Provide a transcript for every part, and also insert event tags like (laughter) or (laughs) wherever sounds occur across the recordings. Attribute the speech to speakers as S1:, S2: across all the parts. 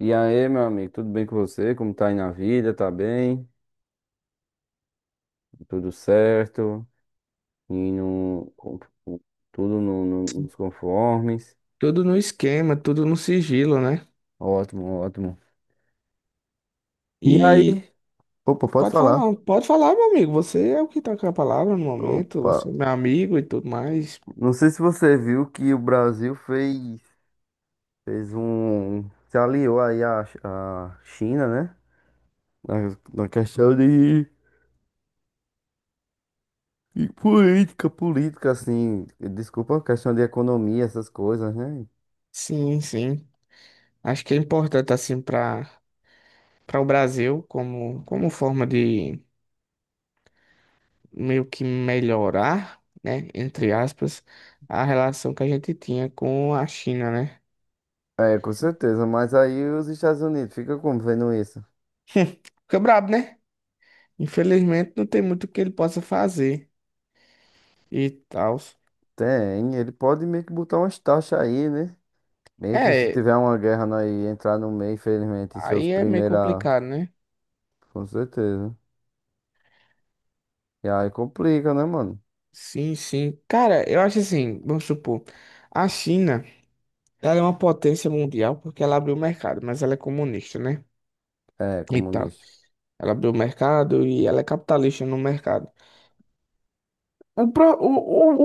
S1: E aí, meu amigo, tudo bem com você? Como tá aí na vida? Tá bem? Tudo certo? E no, com- com- tudo nos conformes?
S2: Tudo no esquema, tudo no sigilo, né?
S1: Ótimo, ótimo. E aí.
S2: E
S1: Opa, pode falar.
S2: pode falar, meu amigo. Você é o que tá com a palavra no momento,
S1: Opa,
S2: você é meu amigo e tudo mais.
S1: não sei se você viu que o Brasil se aliou aí à, à China, né? Na, na questão de política, política, assim, desculpa, questão de economia, essas coisas, né?
S2: Sim, sim. Acho que é importante assim para o Brasil como forma de meio que melhorar, né, entre aspas, a relação que a gente tinha com a China, né?
S1: É, com certeza, mas aí os Estados Unidos fica como vendo isso?
S2: (laughs) Fica brabo, né? Infelizmente não tem muito que ele possa fazer e tal.
S1: Tem, ele pode meio que botar umas taxas aí, né? Meio que se
S2: É,
S1: tiver uma guerra nós entrar no meio, infelizmente, e ser os
S2: aí é meio
S1: primeiros a...
S2: complicado, né?
S1: Com certeza. E aí complica, né, mano?
S2: Sim, sim. Cara, eu acho assim, vamos supor, a China, ela é uma potência mundial porque ela abriu o mercado, mas ela é comunista, né?
S1: É,
S2: E tal.
S1: comunista.
S2: Ela abriu o mercado e ela é capitalista no mercado. O, pro-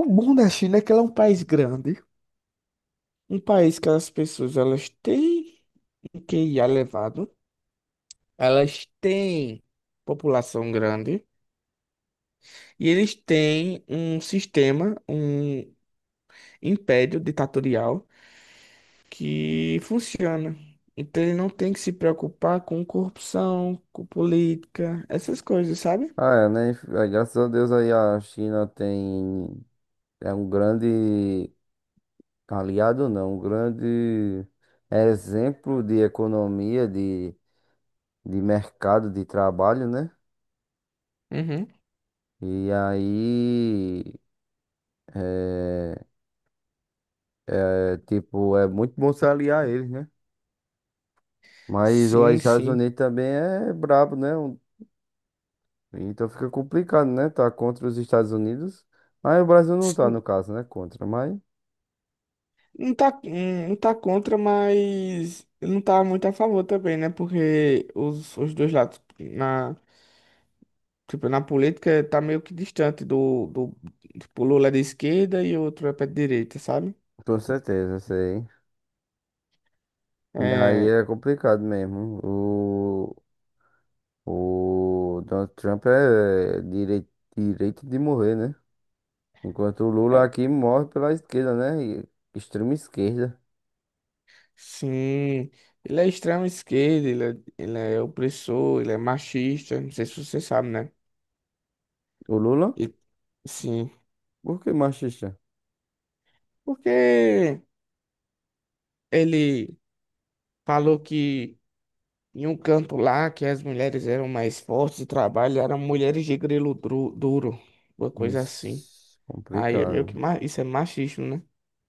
S2: o bom da China é que ela é um país grande, um país que as pessoas, elas têm um QIA elevado, elas têm população grande e eles têm um sistema, um império ditatorial que funciona. Então ele não tem que se preocupar com corrupção, com política, essas coisas, sabe?
S1: Ah, é, né? Aí, graças a Deus aí a China tem... É um grande aliado, não, um grande exemplo de economia, de mercado, de trabalho, né?
S2: Uhum.
S1: E aí. É, é, tipo, é muito bom se aliar a eles, né? Mas os
S2: Sim,
S1: Estados
S2: sim.
S1: Unidos também é brabo, né? Então fica complicado, né? Tá contra os Estados Unidos. Mas o Brasil não tá,
S2: Sim,
S1: no caso, né? Contra, mas
S2: Não tá, não tá contra, mas não tá muito a favor também, né? Porque os dois lados, na, tipo, na política, tá meio que distante do tipo, Lula é de esquerda e o outro é pra direita, sabe?
S1: com certeza, sei. E aí
S2: É,
S1: é complicado mesmo. O Donald Trump é direito, direito de morrer, né? Enquanto o Lula
S2: é.
S1: aqui morre pela esquerda, né? Extrema esquerda.
S2: Sim, ele é extrema esquerda, ele é opressor, ele é machista, não sei se você sabe, né?
S1: O Lula?
S2: E, sim,
S1: Por que machista?
S2: porque ele falou que em um canto lá que as mulheres eram mais fortes e trabalho eram mulheres de grelo duro, uma coisa assim.
S1: Ixi,
S2: Aí é meio que
S1: complicado.
S2: isso é machismo, né?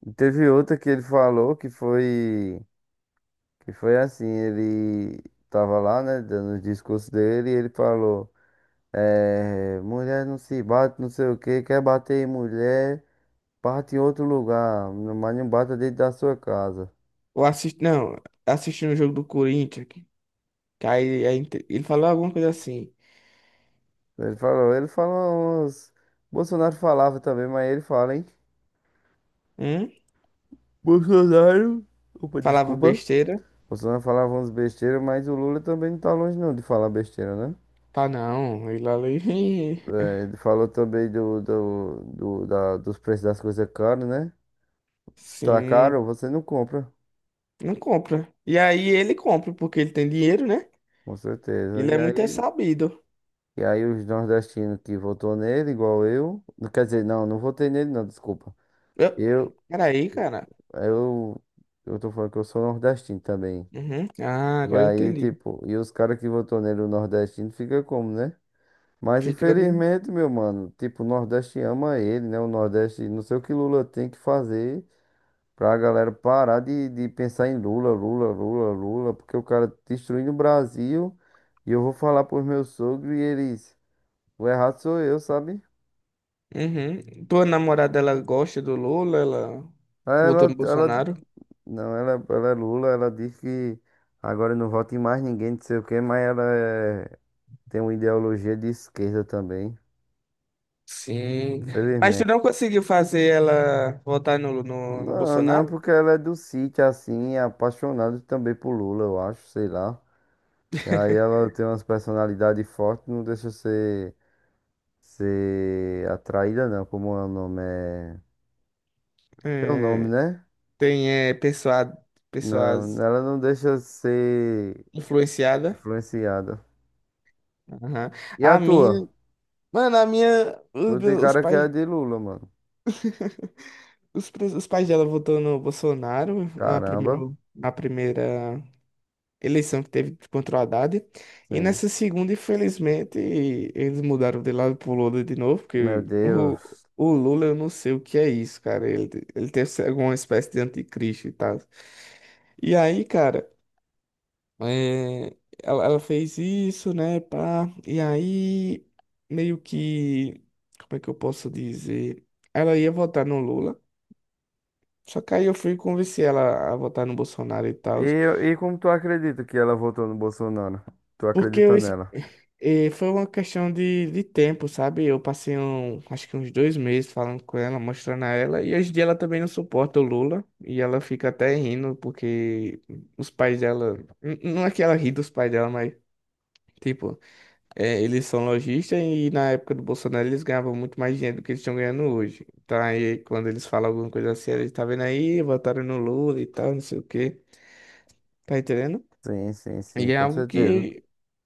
S1: E teve outra que ele falou que foi assim, ele tava lá, né, dando o discurso dele e ele falou, é, mulher não se bate, não sei o que quer bater em mulher, bate em outro lugar, mas não bata dentro da sua casa.
S2: Ou assisti, não, assistindo o jogo do Corinthians, que aí, ele falou alguma coisa assim,
S1: Ele falou, Bolsonaro falava também, mas ele fala, hein?
S2: hum?
S1: Bolsonaro, opa,
S2: Falava
S1: desculpa.
S2: besteira,
S1: Bolsonaro falava uns besteiras, mas o Lula também não tá longe não de falar besteira, né?
S2: tá não, ele ali. (laughs)
S1: É, ele falou também dos preços das coisas caras, né? Se tá
S2: Sim,
S1: caro, você não compra,
S2: não compra. E aí ele compra, porque ele tem dinheiro, né?
S1: com certeza.
S2: Ele
S1: E
S2: é muito é
S1: aí,
S2: sabido.
S1: e aí os nordestinos que votou nele, igual eu. Não, quer dizer, não, não votei nele, não, desculpa.
S2: Eu...
S1: Eu,
S2: Peraí, cara.
S1: eu, eu tô falando que eu sou nordestino também.
S2: Uhum. Ah,
S1: E
S2: agora eu
S1: aí,
S2: entendi.
S1: tipo, e os caras que votou nele, o nordestino, fica como, né? Mas
S2: Fica.
S1: infelizmente, meu mano, tipo, o Nordeste ama ele, né? O Nordeste, não sei o que Lula tem que fazer. Pra galera parar de pensar em Lula, Lula, Lula, Lula, porque o cara tá destruindo o Brasil e eu vou falar pros meus sogros e eles, o errado sou eu, sabe?
S2: Uhum. Tua namorada, ela gosta do Lula? Ela
S1: Aí
S2: votou no Bolsonaro?
S1: Não, ela é Lula, ela diz que agora não vota em mais ninguém, não sei o quê, mas tem uma ideologia de esquerda também,
S2: Sim. Mas tu não
S1: infelizmente.
S2: conseguiu fazer ela votar no
S1: Não, não,
S2: Bolsonaro?
S1: porque ela é do sítio, assim, é apaixonada também por Lula, eu acho, sei lá. E aí ela tem umas personalidades fortes, não deixa ser atraída não, como é o nome? É teu nome,
S2: É,
S1: né?
S2: tem é,
S1: Não,
S2: pessoas
S1: ela não deixa ser
S2: influenciadas.
S1: influenciada.
S2: Aham.
S1: E a
S2: A minha.
S1: tua?
S2: Mano, a minha.
S1: Tu tem
S2: Os
S1: cara que é
S2: pais.
S1: de Lula, mano.
S2: Os pais dela votou no Bolsonaro, a primeira,
S1: Caramba.
S2: a primeira eleição que teve contra o Haddad. E
S1: Sim.
S2: nessa segunda, infelizmente, eles mudaram de lado pro Lula de novo,
S1: Meu
S2: porque o,
S1: Deus.
S2: o Lula, eu não sei o que é isso, cara. Ele deve ser alguma espécie de anticristo e tal. E aí, cara, é, ela fez isso, né, pá. E aí, meio que, como é que eu posso dizer? Ela ia votar no Lula. Só que aí eu fui e convenci ela a votar no Bolsonaro e tal.
S1: E como tu acredita que ela votou no Bolsonaro? Tu
S2: Porque
S1: acredita nela?
S2: foi uma questão de tempo, sabe? Eu passei um, acho que uns 2 meses falando com ela, mostrando a ela. E hoje em dia ela também não suporta o Lula. E ela fica até rindo, porque os pais dela. Não é que ela ri dos pais dela, mas. Tipo, eles são lojistas e na época do Bolsonaro eles ganhavam muito mais dinheiro do que eles estão ganhando hoje. Então aí quando eles falam alguma coisa assim, eles tá vendo aí, votaram no Lula e tal, não sei o quê. Tá entendendo?
S1: Sim, sim, sim,
S2: E é
S1: com
S2: algo
S1: certeza.
S2: que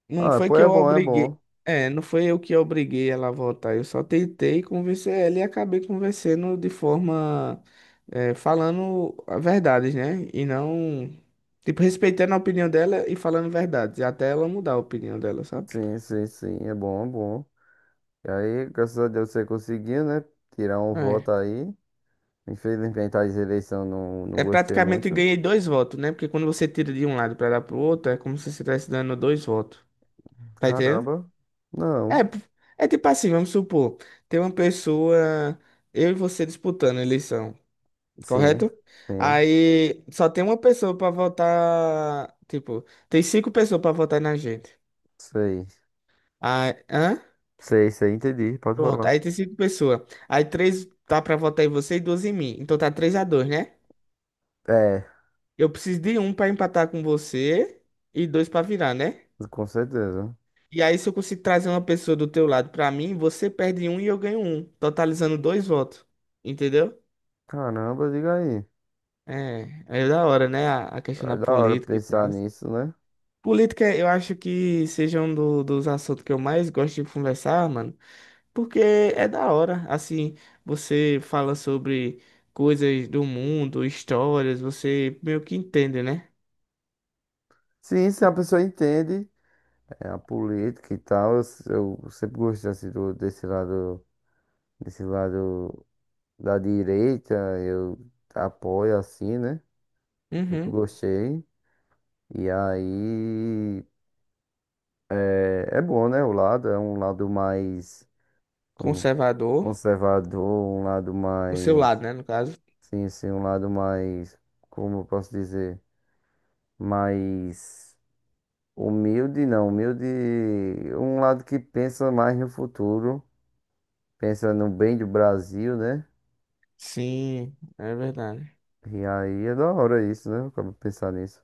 S2: não
S1: Ah,
S2: foi
S1: pô,
S2: que
S1: é
S2: eu
S1: bom, é bom.
S2: obriguei. É, não foi eu que obriguei ela a voltar. Eu só tentei convencer ela e acabei convencendo de forma, falando a verdade, né? E não, tipo, respeitando a opinião dela e falando verdades, até ela mudar a opinião dela, sabe?
S1: Sim, sim, sim, é bom, é bom. E aí, graças a Deus você conseguiu, né? Tirar um
S2: É.
S1: voto aí. Infelizmente, as eleições não
S2: É
S1: gostei
S2: praticamente
S1: muito.
S2: ganhei 2 votos, né? Porque quando você tira de um lado pra dar pro outro, é como se você estivesse dando 2 votos. Tá entendendo?
S1: Caramba. Não.
S2: É, é tipo assim, vamos supor, tem uma pessoa, eu e você disputando a eleição.
S1: Sim.
S2: Correto?
S1: Sim.
S2: Aí só tem uma pessoa pra votar. Tipo, tem 5 pessoas pra votar na gente.
S1: Sei.
S2: Aí, hã?
S1: Sei, sei, entendi. Pode
S2: Pronto,
S1: falar.
S2: aí tem 5 pessoas. Aí três tá pra votar em você e duas em mim. Então tá 3-2, né?
S1: É,
S2: Eu preciso de um pra empatar com você e dois pra virar, né?
S1: com certeza.
S2: E aí, se eu conseguir trazer uma pessoa do teu lado pra mim, você perde um e eu ganho um, totalizando 2 votos. Entendeu?
S1: Caramba, diga aí.
S2: É, é da hora, né? A questão
S1: É
S2: da
S1: da hora
S2: política e
S1: pensar
S2: tal.
S1: nisso, né?
S2: Política, eu acho que seja um dos assuntos que eu mais gosto de conversar, mano, porque é da hora. Assim, você fala sobre coisas do mundo, histórias, você meio que entende, né?
S1: Sim, se a pessoa entende é, a política e tal, eu sempre gostei assim, desse lado da direita, eu apoio assim, né? Sempre
S2: Uhum.
S1: gostei. E aí. É, é bom, né? O lado é um lado mais como
S2: Conservador,
S1: conservador, um lado
S2: o seu
S1: mais.
S2: lado, né, no caso.
S1: Sim, sim, um lado mais. Como eu posso dizer? Mais humilde, não. Humilde. Um lado que pensa mais no futuro, pensa no bem do Brasil, né?
S2: Sim, é verdade.
S1: E aí é da hora isso, né? Eu acabo de pensar nisso.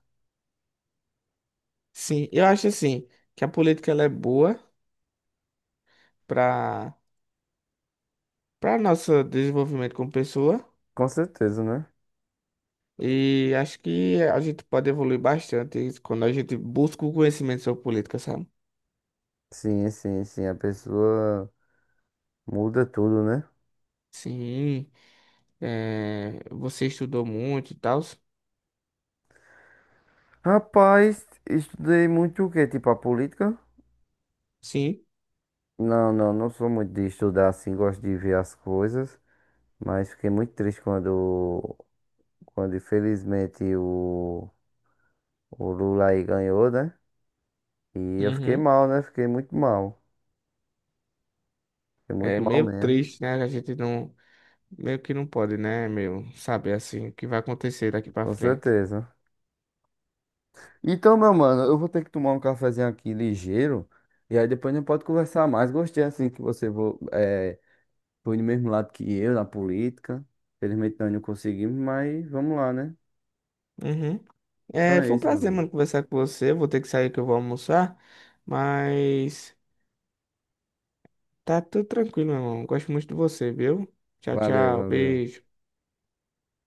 S2: Sim, eu acho assim que a política ela é boa para nosso desenvolvimento como pessoa
S1: Com certeza, né?
S2: e acho que a gente pode evoluir bastante quando a gente busca o conhecimento sobre política, sabe?
S1: Sim, sim, sim. A pessoa muda tudo, né?
S2: Sim, é, você estudou muito e tal.
S1: Rapaz, estudei muito o quê? Tipo a política?
S2: Sim.
S1: Não, não, não sou muito de estudar assim, gosto de ver as coisas, mas fiquei muito triste quando infelizmente o Lula aí ganhou, né? E eu fiquei
S2: Uhum.
S1: mal, né? Fiquei muito mal. Fiquei muito
S2: É
S1: mal
S2: meio
S1: mesmo,
S2: triste, né? A gente não, meio que não pode, né, meu, saber assim o que vai acontecer daqui pra
S1: com
S2: frente.
S1: certeza. Então, meu mano, eu vou ter que tomar um cafezinho aqui ligeiro, e aí depois a gente pode conversar mais. Gostei assim que você foi do mesmo lado que eu na política. Felizmente nós não conseguimos, mas vamos lá, né?
S2: Uhum.
S1: Então
S2: É,
S1: é
S2: foi um
S1: isso, meu
S2: prazer,
S1: mano.
S2: mano, conversar com você. Vou ter que sair que eu vou almoçar, mas tá tudo tranquilo, meu irmão. Gosto muito de você, viu? Tchau,
S1: Valeu,
S2: tchau,
S1: valeu.
S2: beijo.